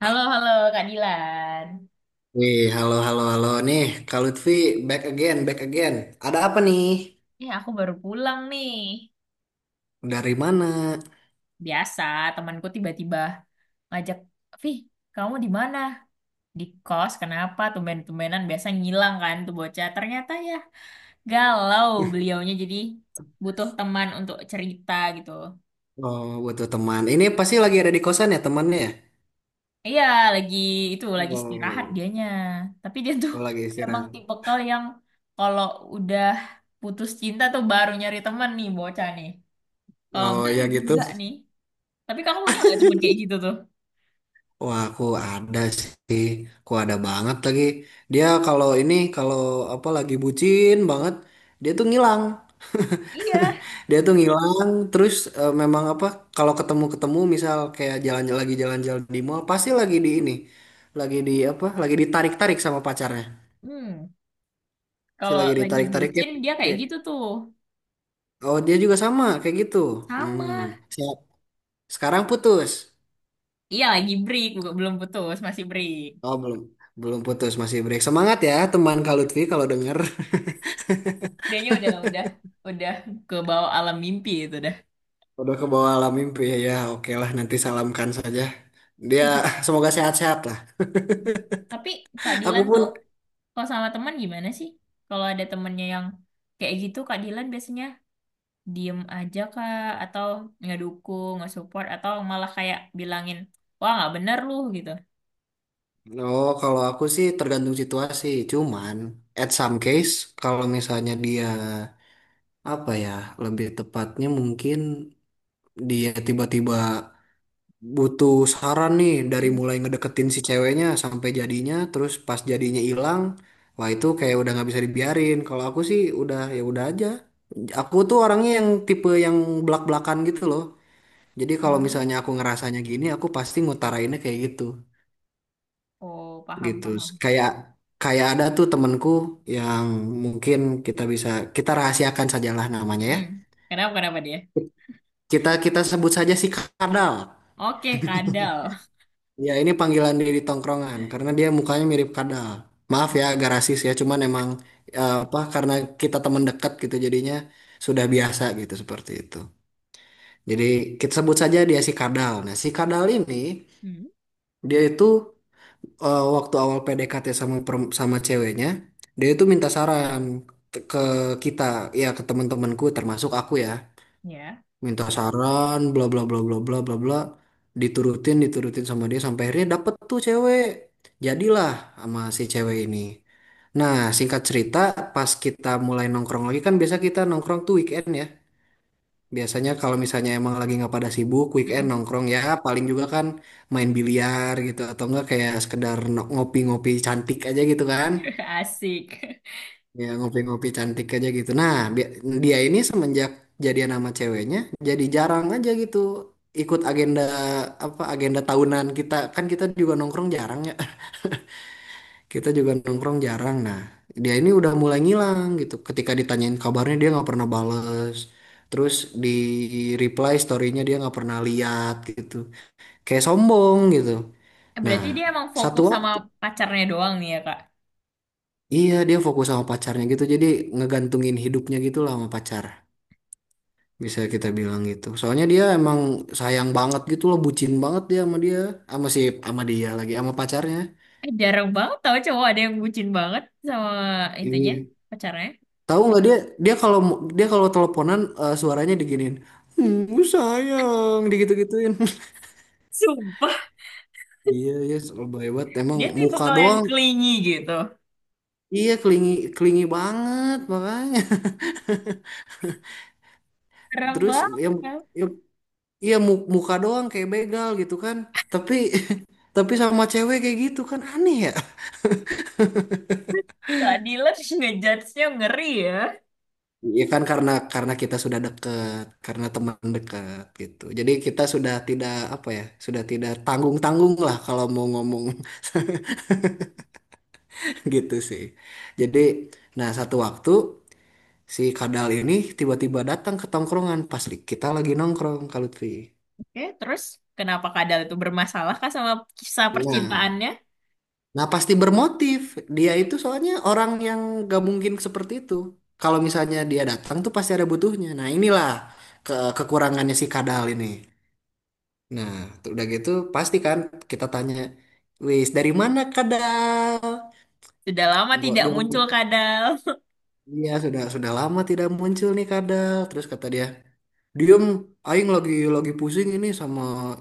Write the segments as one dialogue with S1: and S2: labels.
S1: Halo, halo Kak Dilan.
S2: Wih, halo, halo, halo nih, Kak Lutfi, back again, back again. Ada apa nih?
S1: Eh, aku baru pulang nih.
S2: Dari mana?
S1: Biasa, temanku tiba-tiba ngajak, "Vih, kamu di mana?" Di kos, kenapa? Tumben-tumbenan biasa ngilang kan tuh bocah. Ternyata ya galau beliaunya jadi butuh teman untuk cerita gitu.
S2: Oh, butuh teman. Ini pasti lagi ada di kosan ya temannya ya?
S1: Iya, lagi itu, lagi istirahat
S2: Oh,
S1: dianya. Tapi dia tuh
S2: oh, lagi
S1: emang
S2: istirahat.
S1: tipikal yang kalau udah putus cinta tuh baru nyari teman nih bocah nih. Kalau
S2: Oh, ya gitu.
S1: enggak nih. Tapi kamu punya nggak teman kayak gitu tuh?
S2: Wah, aku ada sih. Aku ada banget lagi. Dia kalau ini, kalau apa lagi bucin banget, dia tuh ngilang.
S1: Iya.
S2: Dia tuh ngilang. Terus memang apa, kalau ketemu-ketemu misal kayak jalan lagi jalan-jalan di mall, pasti lagi di ini. Lagi di apa, lagi ditarik-tarik sama pacarnya.
S1: Hmm,
S2: Si
S1: Kalau
S2: lagi
S1: lagi
S2: ditarik-tarik
S1: bucin dia kayak
S2: kayak,
S1: gitu tuh.
S2: oh dia juga sama kayak gitu. Hmm.
S1: Sama.
S2: Siap. Sekarang putus.
S1: Iya lagi break, bukan belum putus, masih break.
S2: Oh belum. Belum putus, masih break. Semangat ya teman Kak Lutfi kalau denger.
S1: Dianya udah ke bawah alam mimpi itu dah.
S2: Udah ke bawah alam mimpi ya, ya oke lah nanti salamkan saja. Dia semoga sehat-sehat lah.
S1: Tapi Kak Dilan
S2: Aku
S1: tuh
S2: pun,
S1: kalau sama teman gimana sih? Kalau ada temennya yang kayak gitu Kak Dilan biasanya diem aja Kak, atau nggak dukung, nggak support, atau malah kayak bilangin, "Wah, nggak bener lu" gitu.
S2: oh kalau aku sih tergantung situasi. Cuman at some case kalau misalnya dia apa ya lebih tepatnya mungkin dia tiba-tiba butuh saran nih dari
S1: Mm.
S2: mulai ngedeketin si ceweknya sampai jadinya, terus pas jadinya hilang, wah itu kayak udah nggak bisa dibiarin. Kalau aku sih udah ya udah aja. Aku tuh orangnya yang tipe yang belak-belakan gitu loh. Jadi kalau misalnya
S1: Ah,
S2: aku ngerasanya gini, aku pasti ngutarainnya kayak gitu,
S1: oh, paham,
S2: gitu.
S1: paham.
S2: Kayak kayak ada tuh temenku yang mungkin kita bisa kita rahasiakan sajalah namanya ya.
S1: Mm-mm. Kenapa kenapa dia?
S2: Kita kita sebut saja si Kadal.
S1: Oke, kadal.
S2: Ya ini panggilan dia di tongkrongan karena dia mukanya mirip Kadal. Maaf ya agak rasis ya, cuman emang apa karena kita teman dekat gitu jadinya sudah biasa gitu seperti itu. Jadi kita sebut saja dia si Kadal. Nah si Kadal ini
S1: Hmm,
S2: dia itu waktu awal PDKT sama ceweknya, dia itu minta saran ke kita, ya ke teman-temanku termasuk aku ya.
S1: ya.
S2: Minta saran bla bla bla bla bla bla bla diturutin diturutin sama dia sampai akhirnya dapet tuh cewek. Jadilah sama si cewek ini. Nah, singkat cerita, pas kita mulai nongkrong lagi kan biasa kita nongkrong tuh weekend ya. Biasanya kalau misalnya emang lagi nggak pada sibuk, weekend
S1: Mm-mm.
S2: nongkrong ya paling juga kan main biliar gitu atau enggak kayak sekedar ngopi-ngopi cantik aja gitu kan.
S1: Asik.
S2: Ya ngopi-ngopi cantik aja gitu. Nah, dia ini semenjak jadian sama ceweknya jadi jarang aja gitu ikut agenda apa agenda tahunan kita. Kan kita juga nongkrong jarang ya kita juga nongkrong jarang. Nah, dia ini udah mulai ngilang gitu. Ketika ditanyain kabarnya dia nggak pernah bales. Terus di reply story-nya dia nggak pernah lihat gitu. Kayak sombong gitu. Nah,
S1: Berarti dia emang
S2: satu
S1: fokus sama
S2: waktu
S1: pacarnya doang nih ya, Kak.
S2: iya dia fokus sama pacarnya gitu. Jadi ngegantungin hidupnya gitu lah sama pacar. Bisa kita bilang gitu. Soalnya dia emang sayang banget gitu loh, bucin banget dia sama dia, sama si sama dia lagi sama pacarnya.
S1: Eh, jarang banget tau cowok ada yang bucin banget sama itunya,
S2: Iya.
S1: pacarnya.
S2: Tahu nggak dia dia kalau dia kalau teleponan suaranya diginiin. Hmm, sayang digitu-gituin.
S1: Sumpah,
S2: Iya, iya lebih hebat. Emang
S1: dia tipe
S2: muka
S1: kalau yang
S2: doang.
S1: clingy gitu.
S2: Iya, kelingi kelingi banget makanya.
S1: Jarang
S2: Terus yang
S1: banget.
S2: yang iya muka doang kayak begal gitu kan. Tapi tapi sama cewek kayak gitu kan aneh ya.
S1: Keadilan ngejudge-nya ngeri ya.
S2: Iya kan karena kita sudah dekat, karena teman dekat gitu. Jadi kita sudah tidak apa ya, sudah tidak tanggung-tanggung lah kalau mau ngomong gitu sih. Jadi, nah satu waktu si Kadal ini tiba-tiba datang ke tongkrongan pas kita lagi nongkrong Kak Lutfi.
S1: Oke, terus kenapa kadal itu bermasalah kah sama kisah
S2: Nah,
S1: percintaannya?
S2: nah, pasti bermotif. Dia itu soalnya orang yang gak mungkin seperti itu. Kalau misalnya dia datang tuh pasti ada butuhnya. Nah, inilah kekurangannya si Kadal ini. Nah, tuh udah gitu pasti kan kita tanya, "Wis, dari mana Kadal?"
S1: Sudah lama
S2: Enggak,
S1: tidak muncul kadal.
S2: iya, sudah lama tidak muncul nih kadal. Terus kata dia, "Diem, aing lagi pusing ini sama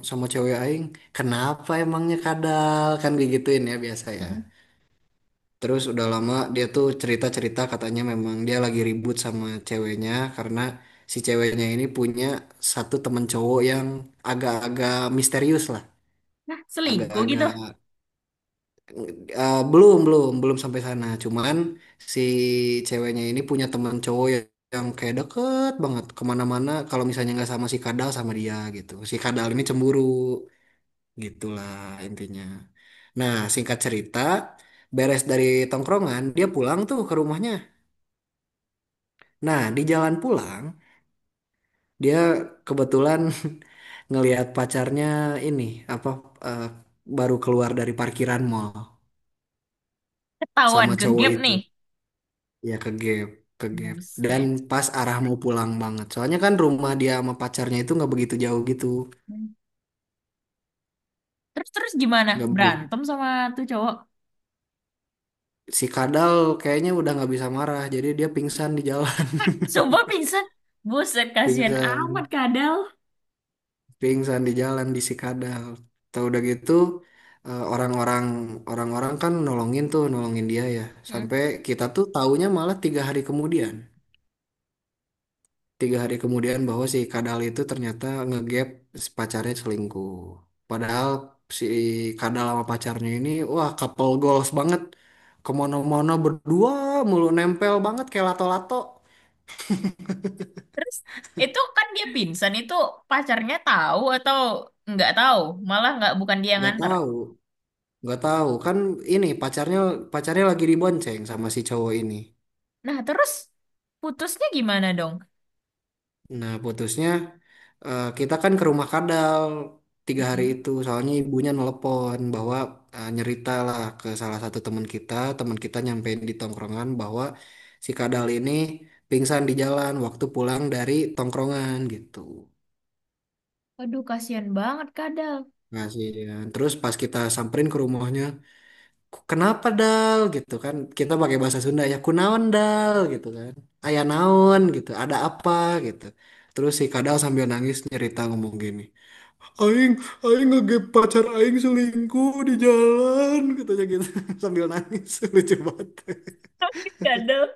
S2: sama cewek aing. Kenapa emangnya kadal?" Kan digituin ya biasa ya. Terus udah lama dia tuh cerita-cerita katanya memang dia lagi ribut sama ceweknya karena si ceweknya ini punya satu temen cowok yang agak-agak misterius lah,
S1: Nah, selingkuh gitu.
S2: agak-agak belum belum belum sampai sana cuman si ceweknya ini punya teman cowok yang, kayak deket banget kemana-mana kalau misalnya nggak sama si Kadal sama dia gitu si Kadal ini cemburu gitulah intinya. Nah singkat cerita beres dari tongkrongan dia pulang tuh ke rumahnya. Nah di jalan pulang dia kebetulan ngelihat pacarnya ini apa eh, baru keluar dari parkiran mall
S1: Ketahuan
S2: sama
S1: ke
S2: cowok
S1: gap
S2: itu.
S1: nih.
S2: Ya ke gap, ke gap. Dan
S1: Buset.
S2: pas arah mau pulang banget. Soalnya kan rumah dia sama pacarnya itu nggak begitu jauh gitu.
S1: Terus terus gimana?
S2: Nggak begitu.
S1: Berantem sama tuh cowok.
S2: Si Kadal kayaknya udah nggak bisa marah. Jadi dia pingsan di jalan.
S1: Sumpah pingsan. Buset, kasihan amat
S2: Pingsan.
S1: kadal.
S2: Pingsan di jalan di si Kadal. Tahu udah gitu eh, orang-orang orang-orang kan nolongin tuh, nolongin dia ya.
S1: Hmm.
S2: Sampai kita tuh taunya malah 3 hari kemudian bahwa si Kadal itu ternyata ngegap si pacarnya selingkuh. Padahal si Kadal sama pacarnya ini, wah couple goals banget. Kemana-mana berdua mulu nempel banget kayak lato-lato.
S1: Terus itu kan dia pingsan itu pacarnya tahu atau nggak tahu, malah nggak bukan dia yang
S2: Gak
S1: nganter.
S2: tahu, gak tahu. Kan ini pacarnya pacarnya lagi dibonceng sama si cowok ini.
S1: Nah, terus putusnya gimana dong?
S2: Nah, putusnya kita kan ke rumah Kadal tiga hari
S1: Mm-mm.
S2: itu. Soalnya ibunya nelpon bahwa nyerita lah ke salah satu teman kita. Teman kita nyampein di tongkrongan bahwa si Kadal ini pingsan di jalan waktu pulang dari tongkrongan gitu.
S1: Aduh, kasihan banget kadal.
S2: Kasihan. Terus pas kita samperin ke rumahnya, Kenapa Dal?" Gitu kan. Kita pakai bahasa Sunda ya, kunaon Dal? Gitu kan. Aya naon gitu, ada apa gitu. Terus si Kadal sambil nangis nyerita ngomong gini. Aing, Aing, ngegep pacar Aing selingkuh di jalan, katanya gitu sambil nangis, lucu banget.
S1: Kadal.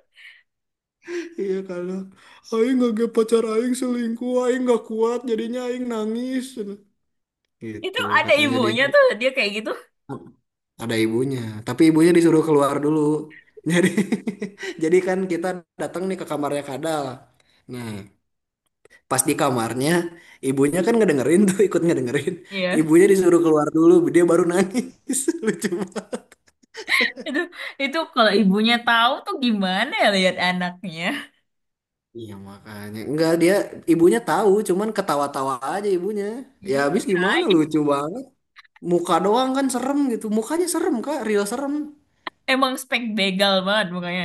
S2: Iya kalau Aing ngegep pacar Aing selingkuh, Aing nggak kuat, jadinya Aing nangis.
S1: Itu
S2: Gitu
S1: ada
S2: katanya
S1: ibunya
S2: jadinya
S1: tuh dia kayak gitu.
S2: ada ibunya, tapi ibunya disuruh keluar dulu. Jadi, jadi, kan kita datang nih ke kamarnya Kadal. Nah, pas di kamarnya, ibunya kan ngedengerin tuh, ikut ngedengerin.
S1: Iya.
S2: Ibunya disuruh keluar dulu, dia baru nangis, lucu banget.
S1: Itu itu kalau ibunya tahu tuh gimana ya lihat anaknya.
S2: Iya makanya enggak, dia ibunya tahu cuman ketawa-tawa aja ibunya. Ya habis gimana
S1: Kirain.
S2: lucu banget, muka doang kan serem gitu, mukanya serem Kak Rio, serem.
S1: Emang spek begal banget mukanya.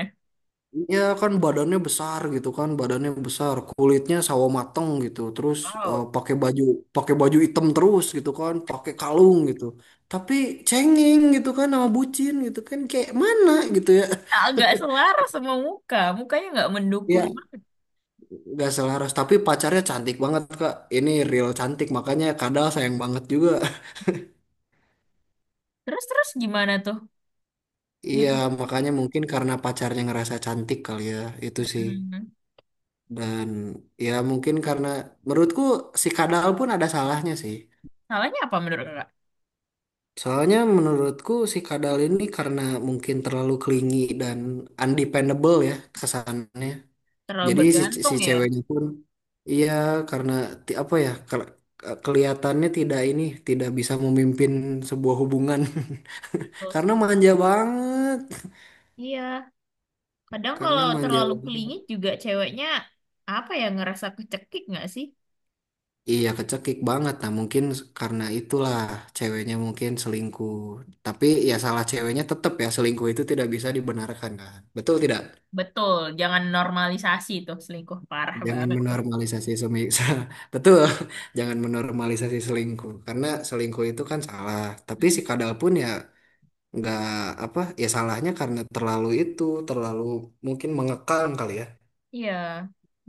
S2: Ya kan badannya besar gitu kan, badannya besar, kulitnya sawo mateng gitu. Terus eh,
S1: Wow.
S2: pakai baju pakai baju hitam terus gitu kan, pakai kalung gitu, tapi cengeng gitu kan, sama bucin gitu kan, kayak mana gitu ya.
S1: Agak selaras sama muka. Mukanya nggak mendukung
S2: Iya,
S1: banget.
S2: nggak selaras. Tapi pacarnya cantik banget, Kak. Ini real cantik, makanya Kadal sayang banget juga.
S1: Terus-terus gimana tuh
S2: Iya,
S1: diputus ini?
S2: makanya mungkin karena pacarnya ngerasa cantik kali ya, itu sih.
S1: Mm-mm.
S2: Dan ya mungkin karena menurutku si Kadal pun ada salahnya sih.
S1: Salahnya apa menurut kakak?
S2: Soalnya menurutku si Kadal ini karena mungkin terlalu clingy dan undependable ya kesannya.
S1: Terlalu
S2: Jadi si
S1: bergantung ya?
S2: ceweknya pun iya karena apa ya kelihatannya tidak bisa memimpin sebuah hubungan.
S1: Betul
S2: Karena
S1: sih.
S2: manja banget,
S1: Iya. Kadang
S2: karena
S1: kalau
S2: manja
S1: terlalu
S2: banget.
S1: kelingit juga ceweknya, apa ya, ngerasa kecekik nggak sih?
S2: Iya kecekik banget. Nah mungkin karena itulah ceweknya mungkin selingkuh. Tapi ya salah ceweknya tetap ya, selingkuh itu tidak bisa dibenarkan kan. Betul tidak?
S1: Betul. Jangan normalisasi tuh selingkuh. Parah
S2: Jangan
S1: banget tuh.
S2: menormalisasi semi betul. Jangan menormalisasi selingkuh karena selingkuh itu kan salah. Tapi
S1: Mm-mm.
S2: si Kadal pun ya nggak apa ya salahnya karena terlalu mungkin mengekang kali ya.
S1: Iya.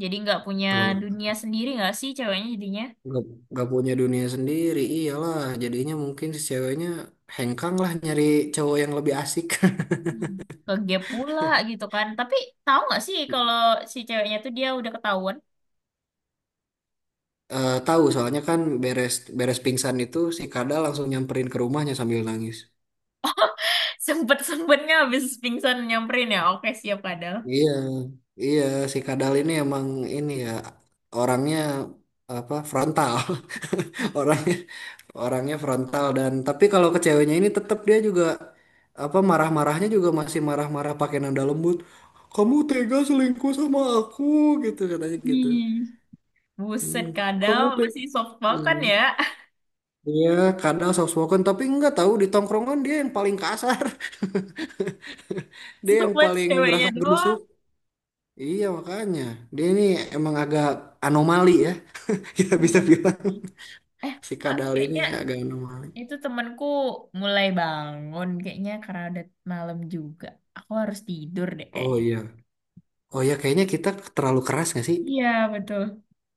S1: Jadi nggak punya
S2: Emang.
S1: dunia sendiri nggak sih ceweknya jadinya?
S2: Nggak, nggak punya dunia sendiri, iyalah. Jadinya mungkin si ceweknya hengkang lah nyari cowok yang lebih asik.
S1: Hmm. Ke gap pula gitu kan, tapi tahu nggak sih kalau si ceweknya tuh dia udah ketahuan.
S2: Eh, tahu soalnya kan beres beres pingsan itu si Kadal langsung nyamperin ke rumahnya sambil nangis.
S1: Sempet sempetnya habis pingsan nyamperin ya, oke siap kadal.
S2: Iya, iya si Kadal ini emang ini ya orangnya apa frontal. Orangnya orangnya frontal dan tapi kalau ke ceweknya ini tetap dia juga apa marah-marahnya juga masih marah-marah pakai nada lembut. Kamu tega selingkuh sama aku, gitu katanya gitu.
S1: Hmm. Buset,
S2: Hmm, kamu
S1: kadal
S2: tega.
S1: masih soft kan ya.
S2: Iya, kadang soft spoken, tapi nggak tahu di tongkrongan dia yang paling kasar, dia yang
S1: Sobat
S2: paling
S1: ceweknya
S2: gerasa
S1: doang.
S2: gerusuk. Iya makanya, dia ini emang agak anomali ya, kita
S1: Iya,
S2: bisa bilang
S1: betul. Eh
S2: si
S1: Kak,
S2: Kadal ini
S1: kayaknya
S2: agak anomali.
S1: itu temanku mulai bangun kayaknya, karena udah malam juga aku harus tidur deh
S2: Oh
S1: kayaknya.
S2: iya, oh iya kayaknya kita terlalu keras nggak sih?
S1: Iya, betul.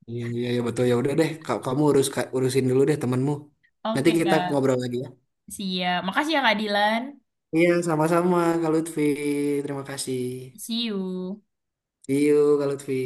S2: Iya iya iya, betul ya udah deh, kamu urus urusin dulu deh temenmu. Nanti
S1: Oke
S2: kita
S1: Kak.
S2: ngobrol lagi ya.
S1: Siap, makasih ya Kak Dilan.
S2: Iya sama-sama Kak Lutfi, terima kasih.
S1: See you.
S2: See you Kak Lutfi.